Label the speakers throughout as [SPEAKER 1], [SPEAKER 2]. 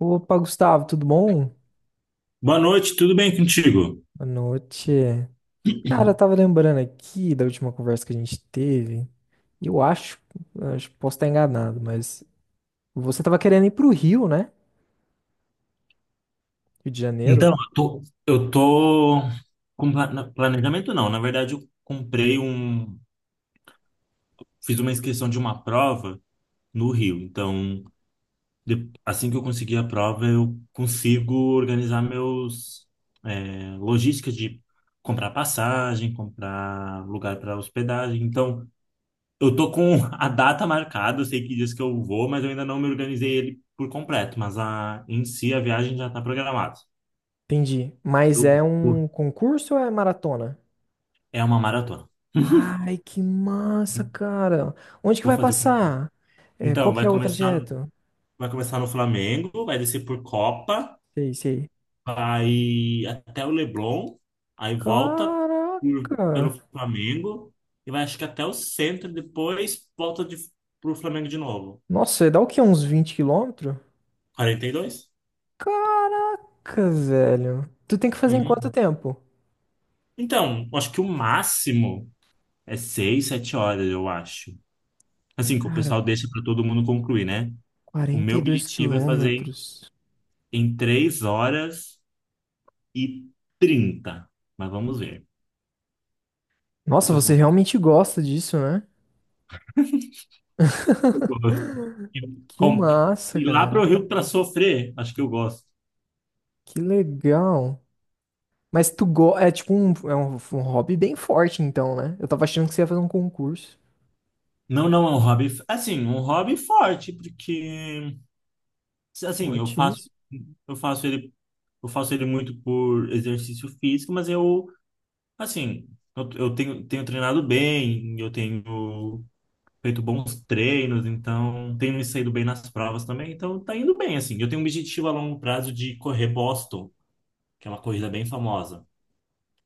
[SPEAKER 1] Opa, Gustavo, tudo bom?
[SPEAKER 2] Boa noite, tudo bem contigo?
[SPEAKER 1] Boa noite. Cara, eu tava lembrando aqui da última conversa que a gente teve. E eu acho que posso estar enganado, mas você tava querendo ir pro Rio, né? Rio de Janeiro.
[SPEAKER 2] Então, eu tô com planejamento não, na verdade eu comprei um, fiz uma inscrição de uma prova no Rio, então assim que eu conseguir a prova eu consigo organizar meus logística de comprar passagem, comprar lugar para hospedagem, então eu tô com a data marcada, eu sei que diz que eu vou, mas eu ainda não me organizei ele por completo, mas em si a viagem já está programada.
[SPEAKER 1] Entendi. Mas é um concurso ou é maratona?
[SPEAKER 2] É uma maratona.
[SPEAKER 1] Ai, que massa, cara. Onde que
[SPEAKER 2] Vou
[SPEAKER 1] vai
[SPEAKER 2] fazer primeiro.
[SPEAKER 1] passar? É, qual
[SPEAKER 2] Então,
[SPEAKER 1] que
[SPEAKER 2] vai
[SPEAKER 1] é o
[SPEAKER 2] começar,
[SPEAKER 1] trajeto?
[SPEAKER 2] vai começar no Flamengo, vai descer por Copa,
[SPEAKER 1] Sei, sei.
[SPEAKER 2] vai até o Leblon, aí volta
[SPEAKER 1] Caraca.
[SPEAKER 2] pelo Flamengo e vai acho que até o centro, depois volta pro Flamengo de novo.
[SPEAKER 1] Nossa, dá o quê? Uns 20 quilômetros?
[SPEAKER 2] 42?
[SPEAKER 1] Caraca, velho. Tu tem que fazer em quanto
[SPEAKER 2] Uhum.
[SPEAKER 1] tempo?
[SPEAKER 2] Então, acho que o máximo é 6, 7 horas, eu acho. Assim, que o
[SPEAKER 1] Cara,
[SPEAKER 2] pessoal deixa para todo mundo concluir, né? O
[SPEAKER 1] quarenta
[SPEAKER 2] meu
[SPEAKER 1] e dois
[SPEAKER 2] objetivo é fazer em
[SPEAKER 1] quilômetros.
[SPEAKER 2] em 3 horas e 30. Mas vamos ver
[SPEAKER 1] Nossa,
[SPEAKER 2] se eu
[SPEAKER 1] você
[SPEAKER 2] consigo.
[SPEAKER 1] realmente gosta disso, né?
[SPEAKER 2] Eu gosto. Eu-
[SPEAKER 1] Que
[SPEAKER 2] com-
[SPEAKER 1] massa,
[SPEAKER 2] Ir lá para
[SPEAKER 1] cara.
[SPEAKER 2] o Rio para sofrer, acho que eu gosto.
[SPEAKER 1] Que legal. Mas é tipo um hobby bem forte, então, né? Eu tava achando que você ia fazer um concurso.
[SPEAKER 2] Não, não, é um hobby, assim, um hobby forte, porque, assim,
[SPEAKER 1] Forte isso.
[SPEAKER 2] eu faço ele, eu faço ele muito por exercício físico, mas eu, assim, eu tenho treinado bem, eu tenho feito bons treinos, então, tenho me saído bem nas provas também, então tá indo bem, assim. Eu tenho um objetivo a longo prazo de correr Boston, que é uma corrida bem famosa.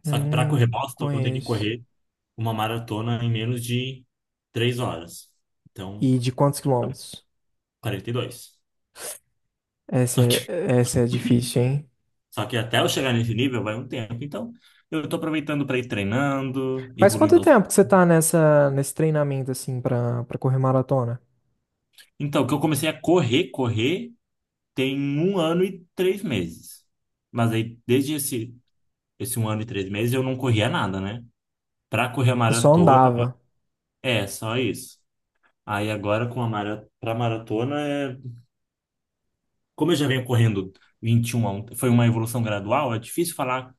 [SPEAKER 2] Só
[SPEAKER 1] Eu
[SPEAKER 2] que para
[SPEAKER 1] não
[SPEAKER 2] correr Boston, eu tenho que
[SPEAKER 1] conheço.
[SPEAKER 2] correr uma maratona em menos de 3 horas. Então,
[SPEAKER 1] E de quantos quilômetros?
[SPEAKER 2] 42.
[SPEAKER 1] Essa
[SPEAKER 2] Só que,
[SPEAKER 1] é, essa é difícil, hein?
[SPEAKER 2] só que até eu chegar nesse nível vai um tempo. Então, eu estou aproveitando para ir treinando,
[SPEAKER 1] Faz quanto
[SPEAKER 2] evoluindo.
[SPEAKER 1] tempo que você tá nesse treinamento, assim, pra correr maratona?
[SPEAKER 2] Então, que eu comecei a correr, tem 1 ano e 3 meses. Mas aí, desde esse 1 ano e 3 meses, eu não corria nada, né? Para correr a
[SPEAKER 1] Você só
[SPEAKER 2] maratona,
[SPEAKER 1] andava.
[SPEAKER 2] é só isso. Aí agora para maratona é como eu já venho correndo 21 a um, foi uma evolução gradual, é difícil falar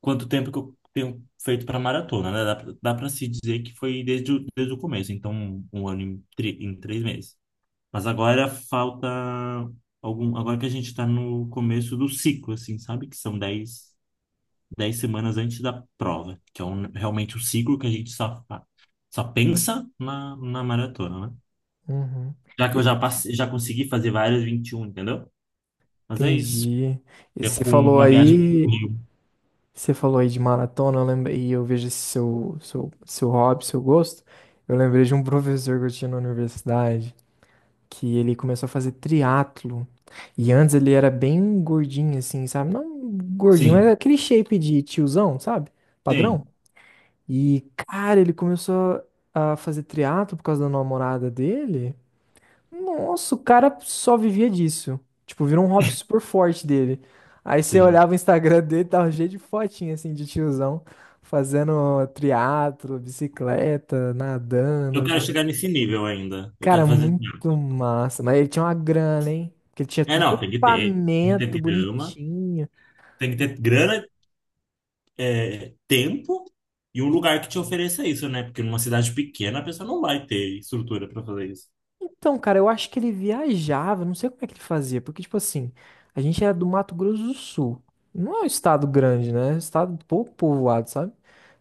[SPEAKER 2] quanto tempo que eu tenho feito para maratona, né? Dá para se dizer que foi desde o começo, então um ano em três meses. Mas agora falta agora que a gente está no começo do ciclo, assim, sabe? Que são dez semanas antes da prova, que é realmente o ciclo que a gente só pensa na maratona, né?
[SPEAKER 1] Uhum.
[SPEAKER 2] Já que eu
[SPEAKER 1] E-
[SPEAKER 2] já passei, já consegui fazer várias 21, entendeu? Mas é isso.
[SPEAKER 1] Entendi. E
[SPEAKER 2] É com uma viagem pro Rio.
[SPEAKER 1] você falou aí de maratona, eu lembrei, e eu vejo esse seu hobby, seu gosto. Eu lembrei de um professor que eu tinha na universidade, que ele começou a fazer triatlo. E antes ele era bem gordinho, assim, sabe? Não gordinho, mas
[SPEAKER 2] Sim,
[SPEAKER 1] aquele shape de tiozão, sabe? Padrão.
[SPEAKER 2] sim,
[SPEAKER 1] E, cara, ele começou a fazer triatlo por causa da namorada dele. Nossa, o cara só vivia disso. Tipo, virou um hobby super forte dele. Aí você
[SPEAKER 2] sim.
[SPEAKER 1] olhava o Instagram dele, tava cheio de fotinha, assim, de tiozão, fazendo triatlo, bicicleta,
[SPEAKER 2] Eu quero
[SPEAKER 1] nadando.
[SPEAKER 2] chegar nesse nível ainda. Eu quero
[SPEAKER 1] Cara,
[SPEAKER 2] fazer, assim.
[SPEAKER 1] muito massa. Mas ele tinha uma grana, hein? Porque ele tinha
[SPEAKER 2] É,
[SPEAKER 1] tudo
[SPEAKER 2] não, tem que ter. Tem que
[SPEAKER 1] equipamento
[SPEAKER 2] ter grama,
[SPEAKER 1] bonitinho.
[SPEAKER 2] tem que ter grana, tempo e um
[SPEAKER 1] E
[SPEAKER 2] lugar que te ofereça isso, né? Porque numa cidade pequena a pessoa não vai ter estrutura para fazer isso.
[SPEAKER 1] Então, cara, eu acho que ele viajava, não sei como é que ele fazia, porque, tipo assim, a gente era do Mato Grosso do Sul. Não é um estado grande, né? É um estado pouco povoado, sabe?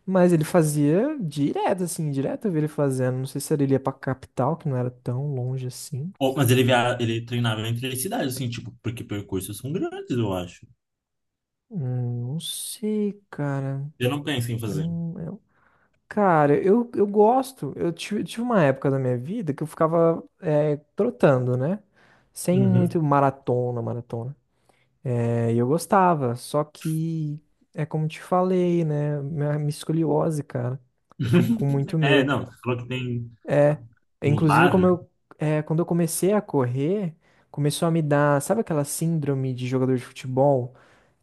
[SPEAKER 1] Mas ele fazia direto, assim, direto eu vi ele fazendo. Não sei se ele ia pra capital, que não era tão longe assim.
[SPEAKER 2] Ou, mas ele treinava entre as cidades, assim, tipo, porque percursos são grandes, eu acho.
[SPEAKER 1] Não sei, cara.
[SPEAKER 2] Eu não penso em
[SPEAKER 1] Eu
[SPEAKER 2] fazer.
[SPEAKER 1] não, eu- Cara, Eu gosto. Eu tive uma época da minha vida que eu ficava trotando, né? Sem
[SPEAKER 2] Uhum.
[SPEAKER 1] muito maratona, maratona. É, e eu gostava, só que é como te falei, né? Minha escoliose, cara. Eu fico com muito
[SPEAKER 2] É,
[SPEAKER 1] medo.
[SPEAKER 2] não, você falou que tem um
[SPEAKER 1] Inclusive,
[SPEAKER 2] bar, né?
[SPEAKER 1] como eu, quando eu comecei a correr, começou a me dar, sabe aquela síndrome de jogador de futebol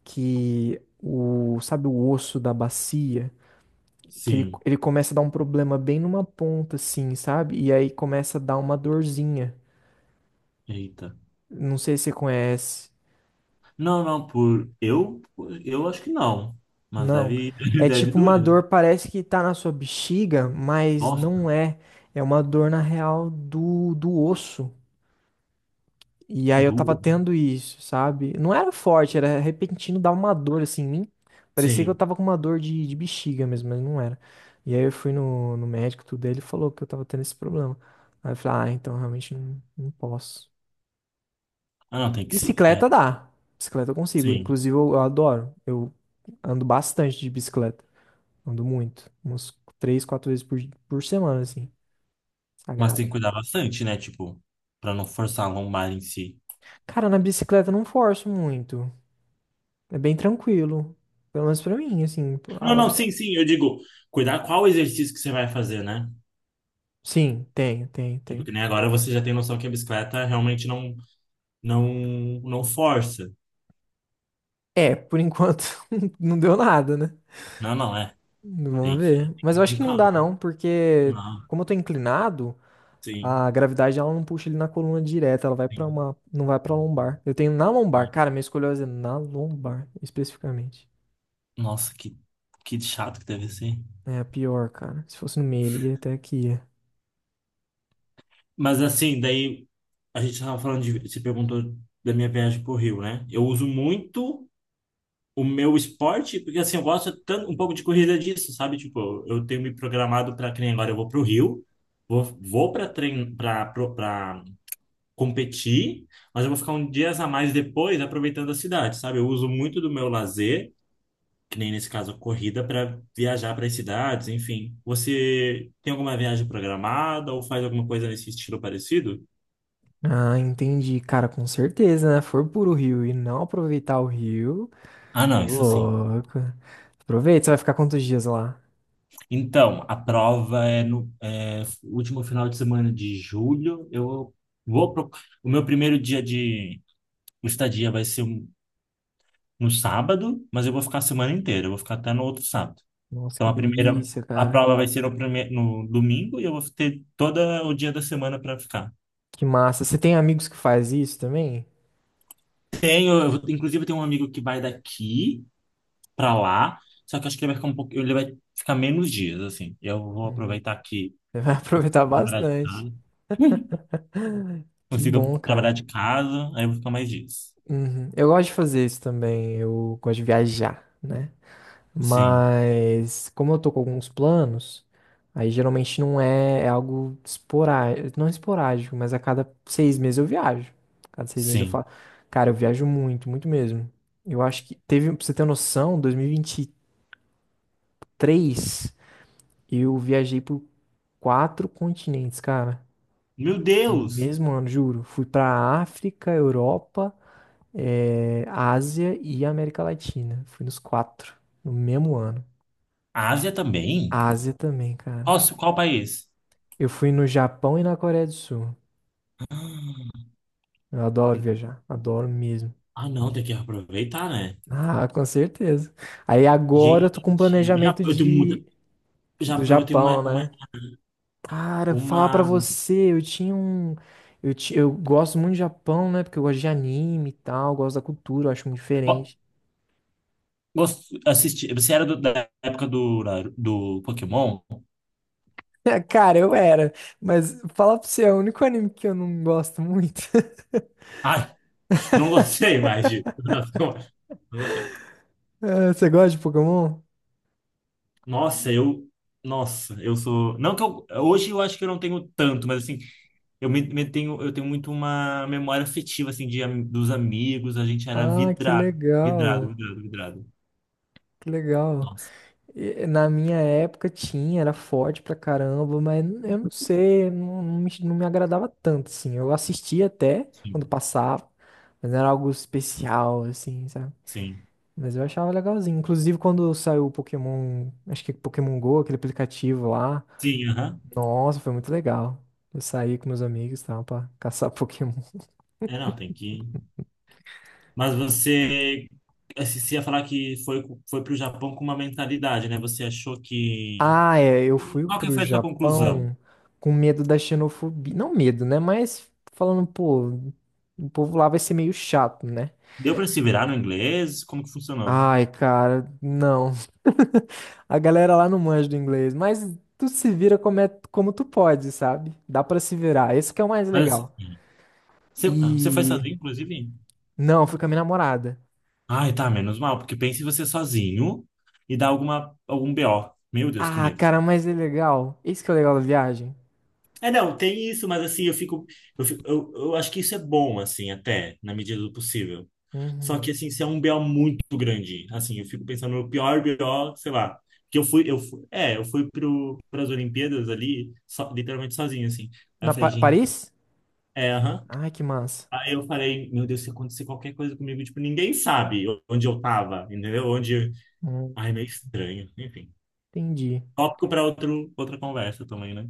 [SPEAKER 1] que o, sabe, o osso da bacia, que ele,
[SPEAKER 2] Sim.
[SPEAKER 1] ele começa a dar um problema bem numa ponta, assim, sabe? E aí começa a dar uma dorzinha.
[SPEAKER 2] Eita.
[SPEAKER 1] Não sei se você conhece.
[SPEAKER 2] Não, não, por eu acho que não, mas
[SPEAKER 1] Não.
[SPEAKER 2] deve,
[SPEAKER 1] É
[SPEAKER 2] deve
[SPEAKER 1] tipo
[SPEAKER 2] doer.
[SPEAKER 1] uma dor, parece que tá na sua bexiga, mas
[SPEAKER 2] Nossa,
[SPEAKER 1] não é. É uma dor na real do osso. E aí eu tava
[SPEAKER 2] doer.
[SPEAKER 1] tendo isso, sabe? Não era forte, era repentino, dava uma dor assim em mim. Parecia que eu
[SPEAKER 2] Sim.
[SPEAKER 1] tava com uma dor de bexiga mesmo, mas não era. E aí eu fui no médico, tudo, ele falou que eu tava tendo esse problema. Aí eu falei, ah, então realmente não, não posso.
[SPEAKER 2] Ah, não, tem que se, é,
[SPEAKER 1] Bicicleta dá. Bicicleta eu consigo.
[SPEAKER 2] sim.
[SPEAKER 1] Inclusive eu adoro. Eu ando bastante de bicicleta. Ando muito. Umas três, quatro vezes por semana, assim.
[SPEAKER 2] Mas tem que
[SPEAKER 1] Sagrado.
[SPEAKER 2] cuidar bastante, né? Tipo, pra não forçar a lombar em si.
[SPEAKER 1] Cara, na bicicleta eu não forço muito. É bem tranquilo. Pelo menos pra mim, assim.
[SPEAKER 2] Não,
[SPEAKER 1] Ah,
[SPEAKER 2] não, sim, sim, eu digo, cuidar qual exercício que você vai fazer, né?
[SPEAKER 1] sim, tem, tem,
[SPEAKER 2] Tipo,
[SPEAKER 1] tem.
[SPEAKER 2] que nem agora você já tem noção que a bicicleta realmente não, não, não força.
[SPEAKER 1] É, por enquanto não deu nada, né?
[SPEAKER 2] Não, não, é.
[SPEAKER 1] Vamos
[SPEAKER 2] Tem que,
[SPEAKER 1] ver.
[SPEAKER 2] tem que
[SPEAKER 1] Mas eu
[SPEAKER 2] ir
[SPEAKER 1] acho
[SPEAKER 2] com
[SPEAKER 1] que não
[SPEAKER 2] calma.
[SPEAKER 1] dá, não, porque
[SPEAKER 2] Não,
[SPEAKER 1] como eu tô inclinado,
[SPEAKER 2] sim,
[SPEAKER 1] a gravidade ela não puxa ele na coluna direta, ela vai pra
[SPEAKER 2] sim,
[SPEAKER 1] uma. Não vai pra lombar. Eu tenho na lombar.
[SPEAKER 2] sim.
[SPEAKER 1] Cara, minha escoliose é na lombar, especificamente.
[SPEAKER 2] Nossa, que chato que deve ser.
[SPEAKER 1] É a pior, cara. Se fosse no meio, ele ia até aqui. É.
[SPEAKER 2] Mas assim, daí a gente estava falando você perguntou da minha viagem pro Rio, né? Eu uso muito o meu esporte, porque assim, eu gosto tanto, um pouco de corrida disso, sabe? Tipo, eu tenho me programado para que nem agora eu vou pro Rio, vou para trein, para para competir, mas eu vou ficar um dias a mais depois aproveitando a cidade, sabe? Eu uso muito do meu lazer, que nem nesse caso a corrida, para viajar para as cidades, enfim. Você tem alguma viagem programada ou faz alguma coisa nesse estilo parecido?
[SPEAKER 1] Ah, entendi. Cara, com certeza, né? For por o Rio e não aproveitar o Rio,
[SPEAKER 2] Ah,
[SPEAKER 1] ô
[SPEAKER 2] não, isso sim.
[SPEAKER 1] louco. Aproveita, você vai ficar quantos dias lá?
[SPEAKER 2] Então, a prova é no último final de semana de julho. Eu vou. O meu primeiro dia de estadia vai ser no sábado, mas eu vou ficar a semana inteira. Eu vou ficar até no outro sábado.
[SPEAKER 1] Nossa,
[SPEAKER 2] Então,
[SPEAKER 1] que
[SPEAKER 2] a primeira...
[SPEAKER 1] delícia,
[SPEAKER 2] A
[SPEAKER 1] cara.
[SPEAKER 2] prova vai ser no domingo e eu vou ter todo o dia da semana para ficar.
[SPEAKER 1] Que massa. Você tem amigos que faz isso também?
[SPEAKER 2] Tenho, inclusive, tem um amigo que vai daqui para lá, só que eu acho que ele vai ficar um pouco. Ele vai ficar menos dias, assim. Eu vou
[SPEAKER 1] Hum,
[SPEAKER 2] aproveitar aqui,
[SPEAKER 1] você vai aproveitar
[SPEAKER 2] na verdade,
[SPEAKER 1] bastante.
[SPEAKER 2] tá?
[SPEAKER 1] Que
[SPEAKER 2] Consiga
[SPEAKER 1] bom, cara.
[SPEAKER 2] trabalhar de casa, aí eu vou ficar mais dias.
[SPEAKER 1] Uhum. Eu gosto de fazer isso também. Eu gosto de viajar, né?
[SPEAKER 2] Sim,
[SPEAKER 1] Mas como eu tô com alguns planos, aí geralmente não é, é algo esporádico, não é esporádico, mas a cada 6 meses eu viajo. Cada seis meses eu
[SPEAKER 2] sim.
[SPEAKER 1] falo, cara, eu viajo muito, muito mesmo. Eu acho que teve, pra você ter noção, dois mil e vinte e três eu viajei por quatro continentes, cara.
[SPEAKER 2] Meu
[SPEAKER 1] No
[SPEAKER 2] Deus!
[SPEAKER 1] mesmo ano, juro. Fui pra África, Europa, Ásia e América Latina. Fui nos quatro, no mesmo ano.
[SPEAKER 2] A Ásia também?
[SPEAKER 1] Ásia também, cara.
[SPEAKER 2] Nossa, qual país?
[SPEAKER 1] Eu fui no Japão e na Coreia do Sul. Eu adoro viajar, adoro mesmo.
[SPEAKER 2] Ah, não, tem que aproveitar, né?
[SPEAKER 1] Ah, com certeza. Aí agora eu tô
[SPEAKER 2] Gente,
[SPEAKER 1] com um
[SPEAKER 2] já,
[SPEAKER 1] planejamento
[SPEAKER 2] eu tenho muita.
[SPEAKER 1] de do
[SPEAKER 2] Já eu tenho uma,
[SPEAKER 1] Japão,
[SPEAKER 2] uma,
[SPEAKER 1] né? Cara, falar pra
[SPEAKER 2] uma...
[SPEAKER 1] você, eu tinha um eu, ti- eu gosto muito do Japão, né? Porque eu gosto de anime e tal, eu gosto da cultura, eu acho muito
[SPEAKER 2] Ó,
[SPEAKER 1] diferente.
[SPEAKER 2] assisti, você era da época do Pokémon?
[SPEAKER 1] Cara, eu era, mas falar pra você, é o único anime que eu não gosto muito.
[SPEAKER 2] Ai, não gostei mais, de. Não gostei.
[SPEAKER 1] Ah, você gosta de Pokémon?
[SPEAKER 2] Nossa, eu. Nossa, eu sou. Não que eu. Hoje eu acho que eu não tenho tanto, mas assim, eu tenho muito uma memória afetiva, assim, dos amigos. A gente era
[SPEAKER 1] Ah, que
[SPEAKER 2] vidrado. Vidrado,
[SPEAKER 1] legal.
[SPEAKER 2] vidrado, vidrado.
[SPEAKER 1] Que legal.
[SPEAKER 2] Nossa,
[SPEAKER 1] Na minha época tinha, era forte pra caramba, mas eu não sei, não me agradava tanto, assim. Eu assistia até quando
[SPEAKER 2] sim.
[SPEAKER 1] passava, mas não era algo especial, assim, sabe?
[SPEAKER 2] Sim.
[SPEAKER 1] Mas eu achava legalzinho. Inclusive quando saiu o Pokémon, acho que Pokémon Go, aquele aplicativo lá.
[SPEAKER 2] Sim, aham.
[SPEAKER 1] Nossa, foi muito legal. Eu saí com meus amigos, e tal, pra caçar Pokémon.
[SPEAKER 2] É, não, tem que. Mas você, assim. Você ia falar que foi pro Japão com uma mentalidade, né? Você achou que.
[SPEAKER 1] Ah, é, eu fui
[SPEAKER 2] Qual que
[SPEAKER 1] pro
[SPEAKER 2] foi a sua conclusão?
[SPEAKER 1] Japão com medo da xenofobia. Não medo, né? Mas falando, pô, o povo lá vai ser meio chato, né?
[SPEAKER 2] Deu para se virar no inglês? Como que funcionou?
[SPEAKER 1] Ai, cara, não. A galera lá não manja do inglês, mas tu se vira como, como tu pode, sabe? Dá pra se virar. Esse que é o mais
[SPEAKER 2] Mas,
[SPEAKER 1] legal.
[SPEAKER 2] assim, você foi
[SPEAKER 1] E
[SPEAKER 2] sozinho, inclusive?
[SPEAKER 1] não, fui com a minha namorada.
[SPEAKER 2] Ai, tá, menos mal, porque pense você sozinho e dá algum BO. Meu Deus, que
[SPEAKER 1] Ah,
[SPEAKER 2] medo.
[SPEAKER 1] cara, mas é legal. Esse que é o legal da viagem.
[SPEAKER 2] É, não, tem isso, mas assim, eu acho que isso é bom, assim, até, na medida do possível. Só
[SPEAKER 1] Uhum.
[SPEAKER 2] que, assim, se é um BO muito grande, assim, eu fico pensando no pior BO, sei lá, que eu fui, é, eu fui pro, pras Olimpíadas ali, literalmente sozinho, assim. Aí eu
[SPEAKER 1] Na
[SPEAKER 2] falei, gente,
[SPEAKER 1] Paris?
[SPEAKER 2] é, aham.
[SPEAKER 1] Ai, que massa.
[SPEAKER 2] Aí eu falei, meu Deus, se acontecer qualquer coisa comigo, tipo, ninguém sabe onde eu tava, entendeu? Onde,
[SPEAKER 1] Hum,
[SPEAKER 2] ai, meio estranho, enfim.
[SPEAKER 1] entendi.
[SPEAKER 2] Tópico para outra conversa também, né?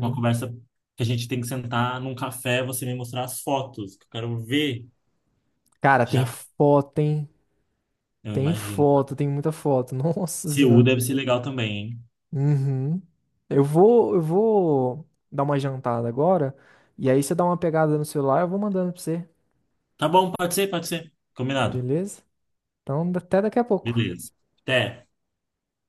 [SPEAKER 2] Uma conversa que a gente tem que sentar num café, você me mostrar as fotos, que eu quero ver
[SPEAKER 1] Cara, tem
[SPEAKER 2] já,
[SPEAKER 1] foto, hein?
[SPEAKER 2] eu
[SPEAKER 1] Tem
[SPEAKER 2] imagino.
[SPEAKER 1] foto, tem muita foto. Nossa
[SPEAKER 2] Seul
[SPEAKER 1] senhora.
[SPEAKER 2] deve ser legal também, hein?
[SPEAKER 1] Uhum. Eu vou dar uma jantada agora. E aí você dá uma pegada no celular, eu vou mandando pra você.
[SPEAKER 2] Tá bom, pode ser, pode ser. Combinado.
[SPEAKER 1] Beleza? Então, até daqui a pouco.
[SPEAKER 2] Beleza. Até.